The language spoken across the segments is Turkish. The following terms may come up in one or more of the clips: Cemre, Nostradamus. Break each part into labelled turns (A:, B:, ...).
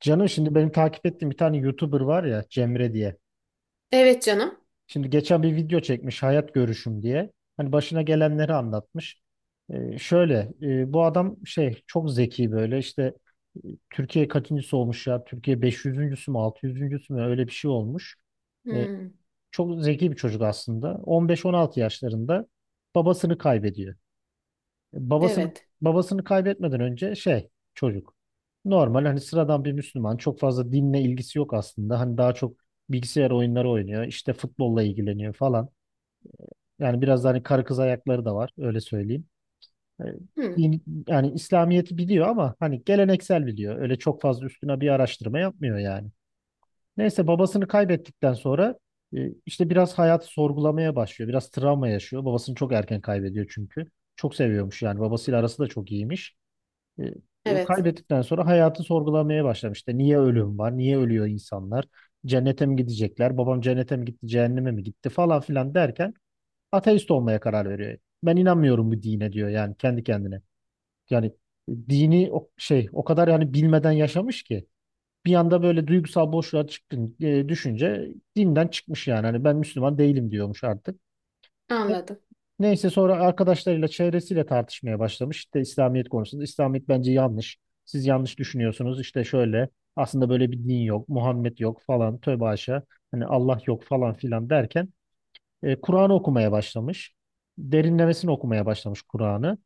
A: Canım şimdi benim takip ettiğim bir tane YouTuber var ya Cemre diye.
B: Evet canım.
A: Şimdi geçen bir video çekmiş hayat görüşüm diye. Hani başına gelenleri anlatmış. Şöyle bu adam çok zeki böyle işte Türkiye kaçıncısı olmuş ya? Türkiye 500.sü mü 600.sü mü öyle bir şey olmuş. Ee,
B: Hmm,
A: çok zeki bir çocuk aslında. 15-16 yaşlarında babasını kaybediyor. Babasını
B: evet.
A: babasını kaybetmeden önce çocuk. Normal hani sıradan bir Müslüman. Çok fazla dinle ilgisi yok aslında. Hani daha çok bilgisayar oyunları oynuyor. İşte futbolla ilgileniyor falan. Yani biraz da hani karı kız ayakları da var öyle söyleyeyim. E,
B: Hmm,
A: Din, yani İslamiyet'i biliyor ama hani geleneksel biliyor. Öyle çok fazla üstüne bir araştırma yapmıyor yani. Neyse babasını kaybettikten sonra işte biraz hayatı sorgulamaya başlıyor. Biraz travma yaşıyor. Babasını çok erken kaybediyor çünkü. Çok seviyormuş yani babasıyla arası da çok iyiymiş. E,
B: evet.
A: Kaybettikten sonra hayatı sorgulamaya başlamış. İşte niye ölüm var? Niye ölüyor insanlar? Cennete mi gidecekler? Babam cennete mi gitti? Cehenneme mi gitti? Falan filan derken ateist olmaya karar veriyor. Ben inanmıyorum bu dine diyor yani kendi kendine. Yani dini o şey o kadar yani bilmeden yaşamış ki bir anda böyle duygusal boşluğa çıktın düşünce dinden çıkmış yani. Hani ben Müslüman değilim diyormuş artık.
B: Anladım.
A: Neyse sonra arkadaşlarıyla çevresiyle tartışmaya başlamış. İşte İslamiyet konusunda. İslamiyet bence yanlış. Siz yanlış düşünüyorsunuz. İşte şöyle aslında böyle bir din yok. Muhammed yok falan. Tövbe haşa. Hani Allah yok falan filan derken Kur'an'ı okumaya başlamış. Derinlemesine okumaya başlamış Kur'an'ı.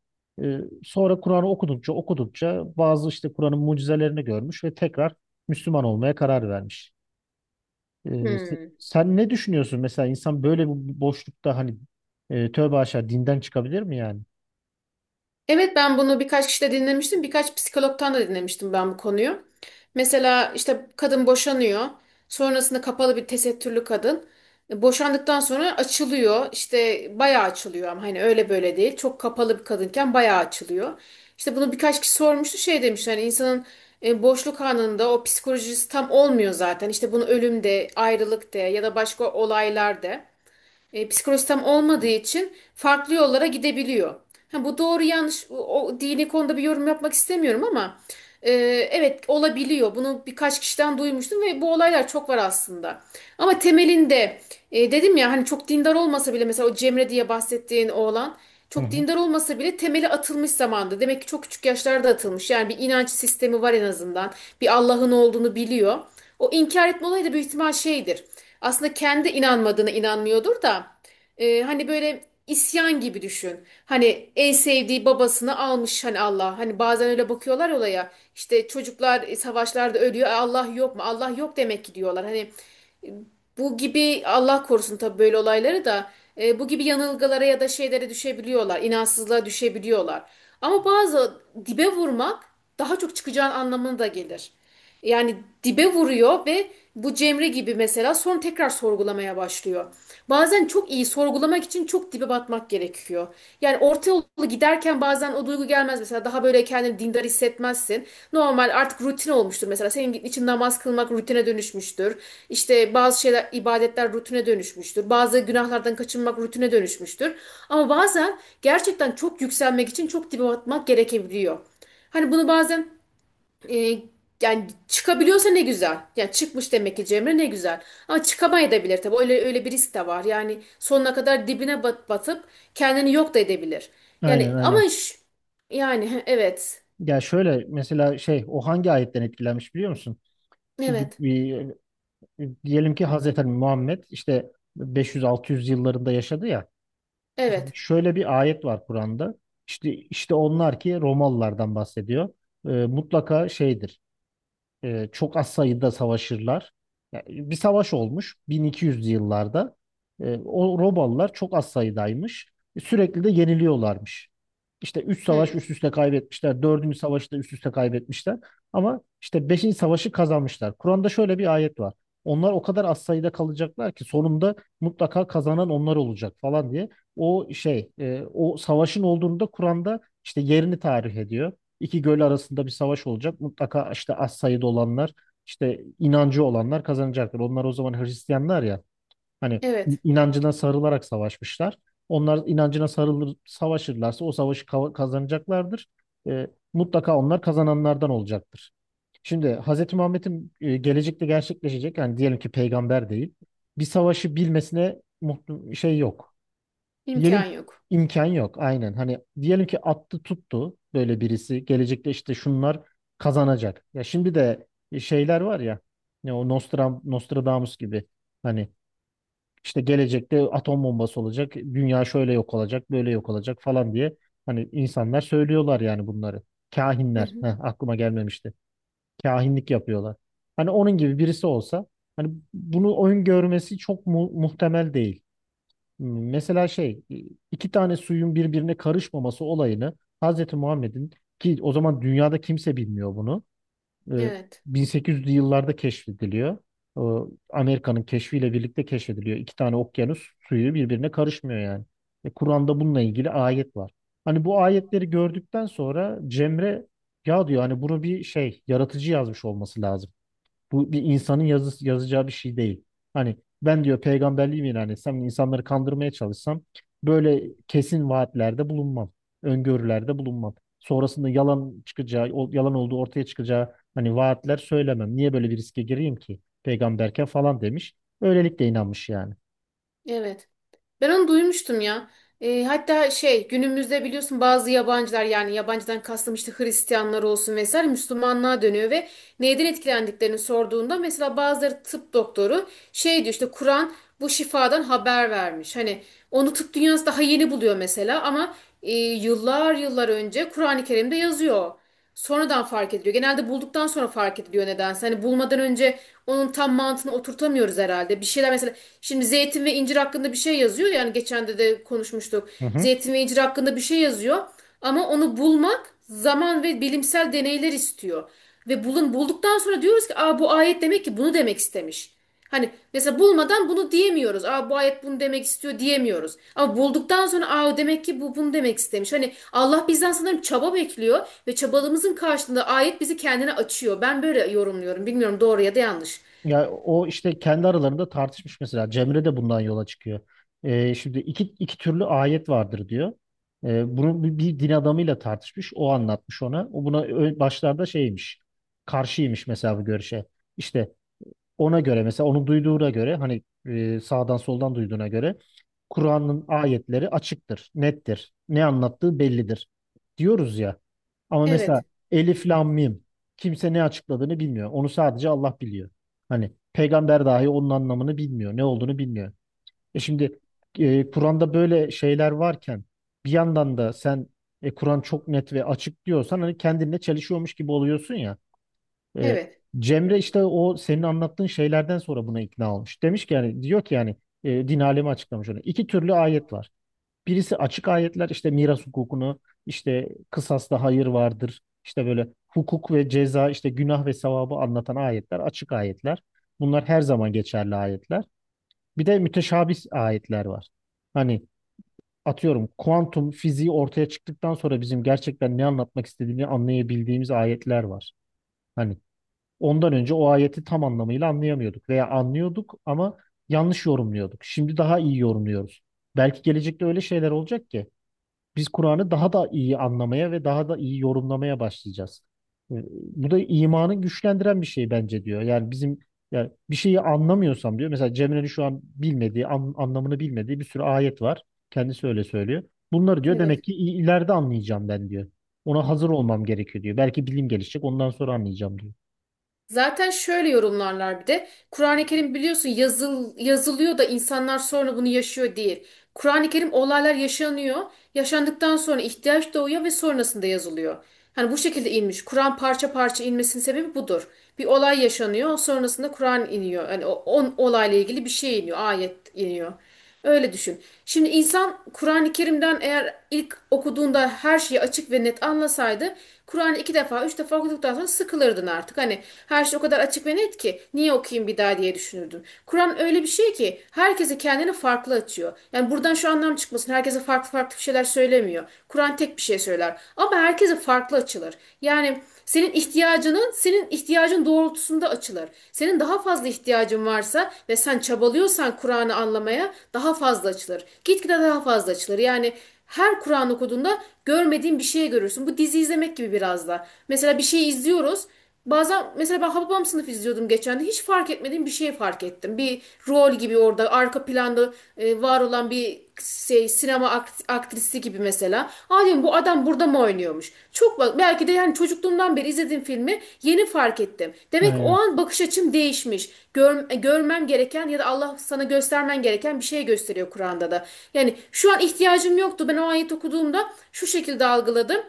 A: E, sonra Kur'an'ı okudukça okudukça bazı işte Kur'an'ın mucizelerini görmüş ve tekrar Müslüman olmaya karar vermiş. Ee, s-
B: Hmm.
A: sen ne düşünüyorsun mesela insan böyle bir boşlukta hani tövbe aşağı dinden çıkabilir mi yani?
B: Evet, ben bunu birkaç kişide dinlemiştim. Birkaç psikologtan da dinlemiştim ben bu konuyu. Mesela işte kadın boşanıyor. Sonrasında kapalı bir tesettürlü kadın. Boşandıktan sonra açılıyor. İşte bayağı açılıyor ama hani öyle böyle değil. Çok kapalı bir kadınken bayağı açılıyor. İşte bunu birkaç kişi sormuştu. Şey demiş, hani insanın boşluk anında o psikolojisi tam olmuyor zaten. İşte bunu ölüm de, ayrılık de ya da başka olaylar de psikolojisi tam olmadığı için farklı yollara gidebiliyor. Ha, bu doğru yanlış o dini konuda bir yorum yapmak istemiyorum ama e, evet, olabiliyor. Bunu birkaç kişiden duymuştum ve bu olaylar çok var aslında. Ama temelinde dedim ya, hani çok dindar olmasa bile mesela o Cemre diye bahsettiğin oğlan
A: Hı
B: çok
A: hı.
B: dindar olmasa bile temeli atılmış zamanda. Demek ki çok küçük yaşlarda atılmış. Yani bir inanç sistemi var en azından. Bir Allah'ın olduğunu biliyor. O inkar etme olayı da büyük ihtimal şeydir. Aslında kendi inanmadığına inanmıyordur da hani böyle isyan gibi düşün. Hani en sevdiği babasını almış hani Allah. Hani bazen öyle bakıyorlar olaya. İşte çocuklar savaşlarda ölüyor. "E, Allah yok mu? Allah yok demek ki," diyorlar. Hani e, bu gibi, Allah korusun, tabii böyle olayları da bu gibi yanılgılara ya da şeylere düşebiliyorlar. İnansızlığa düşebiliyorlar. Ama bazı dibe vurmak daha çok çıkacağın anlamına da gelir. Yani dibe vuruyor ve bu Cemre gibi mesela sonra tekrar sorgulamaya başlıyor. Bazen çok iyi sorgulamak için çok dibe batmak gerekiyor. Yani orta yolu giderken bazen o duygu gelmez mesela, daha böyle kendini dindar hissetmezsin. Normal, artık rutin olmuştur mesela senin için namaz kılmak rutine dönüşmüştür. İşte bazı şeyler, ibadetler rutine dönüşmüştür. Bazı günahlardan kaçınmak rutine dönüşmüştür. Ama bazen gerçekten çok yükselmek için çok dibe batmak gerekebiliyor. Hani bunu bazen e, yani çıkabiliyorsa ne güzel. Yani çıkmış demek ki Cemre, ne güzel. Ama çıkamayabilir tabii. Öyle öyle bir risk de var. Yani sonuna kadar dibine bat, batıp kendini yok da edebilir.
A: Aynen,
B: Yani
A: aynen.
B: ama yani evet.
A: Ya şöyle mesela o hangi ayetten etkilenmiş biliyor musun? Şimdi
B: Evet.
A: diyelim ki Hazreti Muhammed işte 500-600 yıllarında yaşadı ya. Şimdi
B: Evet.
A: şöyle bir ayet var Kur'an'da. İşte onlar ki Romalılardan bahsediyor. Mutlaka şeydir. Çok az sayıda savaşırlar. Ya, bir savaş olmuş 1200'lü yıllarda. O Romalılar çok az sayıdaymış. Sürekli de yeniliyorlarmış. İşte 3 savaş
B: Hmm,
A: üst üste kaybetmişler. Dördüncü savaşı da üst üste kaybetmişler. Ama işte beşinci savaşı kazanmışlar. Kur'an'da şöyle bir ayet var. Onlar o kadar az sayıda kalacaklar ki sonunda mutlaka kazanan onlar olacak falan diye. O savaşın olduğunu da Kur'an'da işte yerini tarih ediyor, iki göl arasında bir savaş olacak. Mutlaka işte az sayıda olanlar, işte inancı olanlar kazanacaktır. Onlar o zaman Hristiyanlar ya. Hani
B: evet.
A: inancına sarılarak savaşmışlar. Onlar inancına sarılır, savaşırlarsa o savaşı kazanacaklardır. E, mutlaka onlar kazananlardan olacaktır. Şimdi Hz. Muhammed'in gelecekte gerçekleşecek yani diyelim ki peygamber değil. Bir savaşı bilmesine yok. Diyelim
B: İmkan
A: ki
B: yok.
A: imkan yok aynen. Hani diyelim ki attı tuttu böyle birisi. Gelecekte işte şunlar kazanacak. Ya şimdi de şeyler var ya. Ne o Nostradamus gibi. Hani işte gelecekte atom bombası olacak. Dünya şöyle yok olacak, böyle yok olacak falan diye. Hani insanlar söylüyorlar yani bunları.
B: Hı
A: Kahinler.
B: hı.
A: Heh, aklıma gelmemişti. Kahinlik yapıyorlar. Hani onun gibi birisi olsa hani bunu öngörmesi çok mu muhtemel değil. Mesela iki tane suyun birbirine karışmaması olayını Hazreti Muhammed'in ki o zaman dünyada kimse bilmiyor bunu. e,
B: Evet.
A: 1800'lü yıllarda keşfediliyor. E, Amerika'nın keşfiyle birlikte keşfediliyor. İki tane okyanus suyu birbirine karışmıyor yani. Kur'an'da bununla ilgili ayet var. Hani bu ayetleri gördükten sonra Cemre ya diyor hani bunu bir şey yaratıcı yazmış olması lazım. Bu bir insanın yazacağı bir şey değil. Hani ben diyor peygamberliğimi ilan etsem, insanları kandırmaya çalışsam böyle kesin vaatlerde bulunmam, öngörülerde bulunmam. Sonrasında yalan çıkacağı, yalan olduğu ortaya çıkacağı hani vaatler söylemem. Niye böyle bir riske gireyim ki peygamberken falan demiş. Öylelikle inanmış yani.
B: Evet. Ben onu duymuştum ya. Hatta şey, günümüzde biliyorsun bazı yabancılar, yani yabancıdan kastım işte Hristiyanlar olsun vesaire, Müslümanlığa dönüyor ve neyden etkilendiklerini sorduğunda mesela bazıları, tıp doktoru, şey diyor, işte Kur'an bu şifadan haber vermiş. Hani onu tıp dünyası daha yeni buluyor mesela ama yıllar yıllar önce Kur'an-ı Kerim'de yazıyor. Sonradan fark ediliyor. Genelde bulduktan sonra fark ediliyor nedense. Hani bulmadan önce onun tam mantığını oturtamıyoruz herhalde. Bir şeyler mesela, şimdi zeytin ve incir hakkında bir şey yazıyor. Yani geçen de konuşmuştuk.
A: Hı hı.
B: Zeytin ve incir hakkında bir şey yazıyor. Ama onu bulmak zaman ve bilimsel deneyler istiyor. Ve bulduktan sonra diyoruz ki, "Aa, bu ayet demek ki bunu demek istemiş." Hani mesela bulmadan bunu diyemiyoruz. "Aa, bu ayet bunu demek istiyor," diyemiyoruz. Ama bulduktan sonra, "Aa, demek ki bu bunu demek istemiş." Hani Allah bizden sanırım çaba bekliyor ve çabalığımızın karşılığında ayet bizi kendine açıyor. Ben böyle yorumluyorum. Bilmiyorum, doğru ya da yanlış.
A: Ya o işte kendi aralarında tartışmış mesela. Cemre de bundan yola çıkıyor. Şimdi iki türlü ayet vardır diyor. Bunu bir din adamıyla tartışmış. O anlatmış ona. O buna başlarda şeymiş. Karşıymış mesela bu görüşe. İşte ona göre mesela onu duyduğuna göre hani sağdan soldan duyduğuna göre Kur'an'ın ayetleri açıktır, nettir. Ne anlattığı bellidir diyoruz ya. Ama mesela
B: Evet.
A: Elif Lam Mim kimse ne açıkladığını bilmiyor. Onu sadece Allah biliyor. Hani peygamber dahi onun anlamını bilmiyor, ne olduğunu bilmiyor. Şimdi Kur'an'da böyle şeyler varken bir yandan da sen Kur'an çok net ve açık diyorsan hani kendinle çelişiyormuş gibi oluyorsun ya. E,
B: Evet.
A: Cemre işte o senin anlattığın şeylerden sonra buna ikna olmuş. Demiş ki yani diyor ki yani din alemi açıklamış onu. İki türlü ayet var. Birisi açık ayetler işte miras hukukunu işte kısasta hayır vardır. İşte böyle hukuk ve ceza işte günah ve sevabı anlatan ayetler açık ayetler. Bunlar her zaman geçerli ayetler. Bir de müteşabih ayetler var. Hani atıyorum kuantum fiziği ortaya çıktıktan sonra bizim gerçekten ne anlatmak istediğini anlayabildiğimiz ayetler var. Hani ondan önce o ayeti tam anlamıyla anlayamıyorduk veya anlıyorduk ama yanlış yorumluyorduk. Şimdi daha iyi yorumluyoruz. Belki gelecekte öyle şeyler olacak ki biz Kur'an'ı daha da iyi anlamaya ve daha da iyi yorumlamaya başlayacağız. E, Bu da imanı güçlendiren bir şey bence diyor. Yani bizim yani bir şeyi anlamıyorsam diyor. Mesela Cemre'nin şu an bilmediği, anlamını bilmediği bir sürü ayet var. Kendisi öyle söylüyor. Bunları diyor demek
B: Evet.
A: ki ileride anlayacağım ben diyor. Ona hazır olmam gerekiyor diyor. Belki bilim gelişecek ondan sonra anlayacağım diyor.
B: Zaten şöyle yorumlarlar bir de. Kur'an-ı Kerim, biliyorsun, yazılıyor da insanlar sonra bunu yaşıyor değil. Kur'an-ı Kerim, olaylar yaşanıyor. Yaşandıktan sonra ihtiyaç doğuyor ve sonrasında yazılıyor. Hani bu şekilde inmiş. Kur'an parça parça inmesinin sebebi budur. Bir olay yaşanıyor, sonrasında Kur'an iniyor. Yani o on olayla ilgili bir şey iniyor, ayet iniyor. Öyle düşün. Şimdi insan Kur'an-ı Kerim'den eğer ilk okuduğunda her şeyi açık ve net anlasaydı, Kur'an'ı iki defa, üç defa okuduktan sonra sıkılırdın artık. Hani her şey o kadar açık ve net ki niye okuyayım bir daha diye düşünürdün. Kur'an öyle bir şey ki herkese kendini farklı açıyor. Yani buradan şu anlam çıkmasın: herkese farklı farklı bir şeyler söylemiyor. Kur'an tek bir şey söyler. Ama herkese farklı açılır. Yani senin ihtiyacının, senin ihtiyacın doğrultusunda açılır. Senin daha fazla ihtiyacın varsa ve sen çabalıyorsan Kur'an'ı anlamaya, daha fazla açılır. Gitgide daha fazla açılır. Yani her Kur'an okuduğunda görmediğin bir şey görürsün. Bu dizi izlemek gibi biraz da. Mesela bir şey izliyoruz. Bazen mesela ben Hababam Sınıfı izliyordum geçen de, hiç fark etmediğim bir şey fark ettim. Bir rol gibi orada arka planda var olan bir şey, sinema aktrisi gibi mesela. "Aa," diyorum, "bu adam burada mı oynuyormuş?" Çok bak, belki de, yani çocukluğumdan beri izlediğim filmi yeni fark ettim. Demek ki o
A: Aynen.
B: an bakış açım değişmiş. Görmem gereken ya da Allah sana göstermen gereken bir şey gösteriyor Kur'an'da da. Yani şu an ihtiyacım yoktu. Ben o ayet okuduğumda şu şekilde algıladım.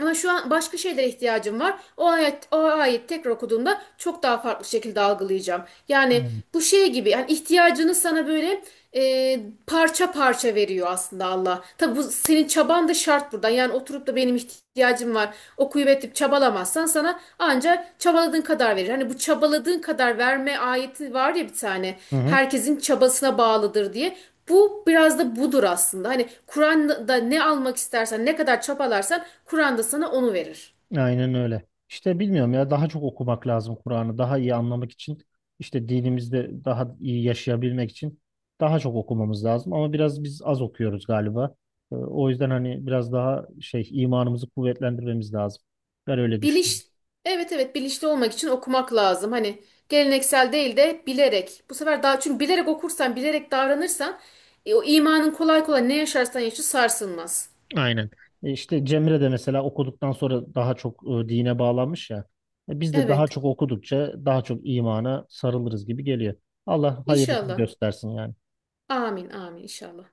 B: Ama şu an başka şeylere ihtiyacım var. O ayet, o ayet tekrar okuduğumda çok daha farklı şekilde algılayacağım. Yani
A: Evet.
B: bu şey gibi, yani ihtiyacını sana böyle e, parça parça veriyor aslında Allah. Tabi bu senin çaban da şart burada. Yani oturup da, "Benim ihtiyacım var," okuyup edip çabalamazsan sana ancak çabaladığın kadar verir. Hani bu çabaladığın kadar verme ayeti var ya bir tane.
A: Hı hı.
B: Herkesin çabasına bağlıdır diye. Bu biraz da budur aslında. Hani Kur'an'da ne almak istersen, ne kadar çabalarsan Kur'an'da sana onu verir.
A: Aynen öyle. İşte bilmiyorum ya daha çok okumak lazım Kur'an'ı daha iyi anlamak için işte dinimizde daha iyi yaşayabilmek için daha çok okumamız lazım ama biraz biz az okuyoruz galiba. O yüzden hani biraz daha imanımızı kuvvetlendirmemiz lazım. Ben öyle düşünüyorum.
B: Biliş, evet evet, bilinçli olmak için okumak lazım. Hani geleneksel değil de bilerek. Bu sefer daha, çünkü bilerek okursan, bilerek davranırsan o imanın kolay kolay ne yaşarsan yaşa sarsılmaz.
A: Aynen. İşte Cemre de mesela okuduktan sonra daha çok dine bağlanmış ya. Biz de daha
B: Evet.
A: çok okudukça daha çok imana sarılırız gibi geliyor. Allah hayırlısını
B: İnşallah.
A: göstersin yani.
B: Amin, amin inşallah.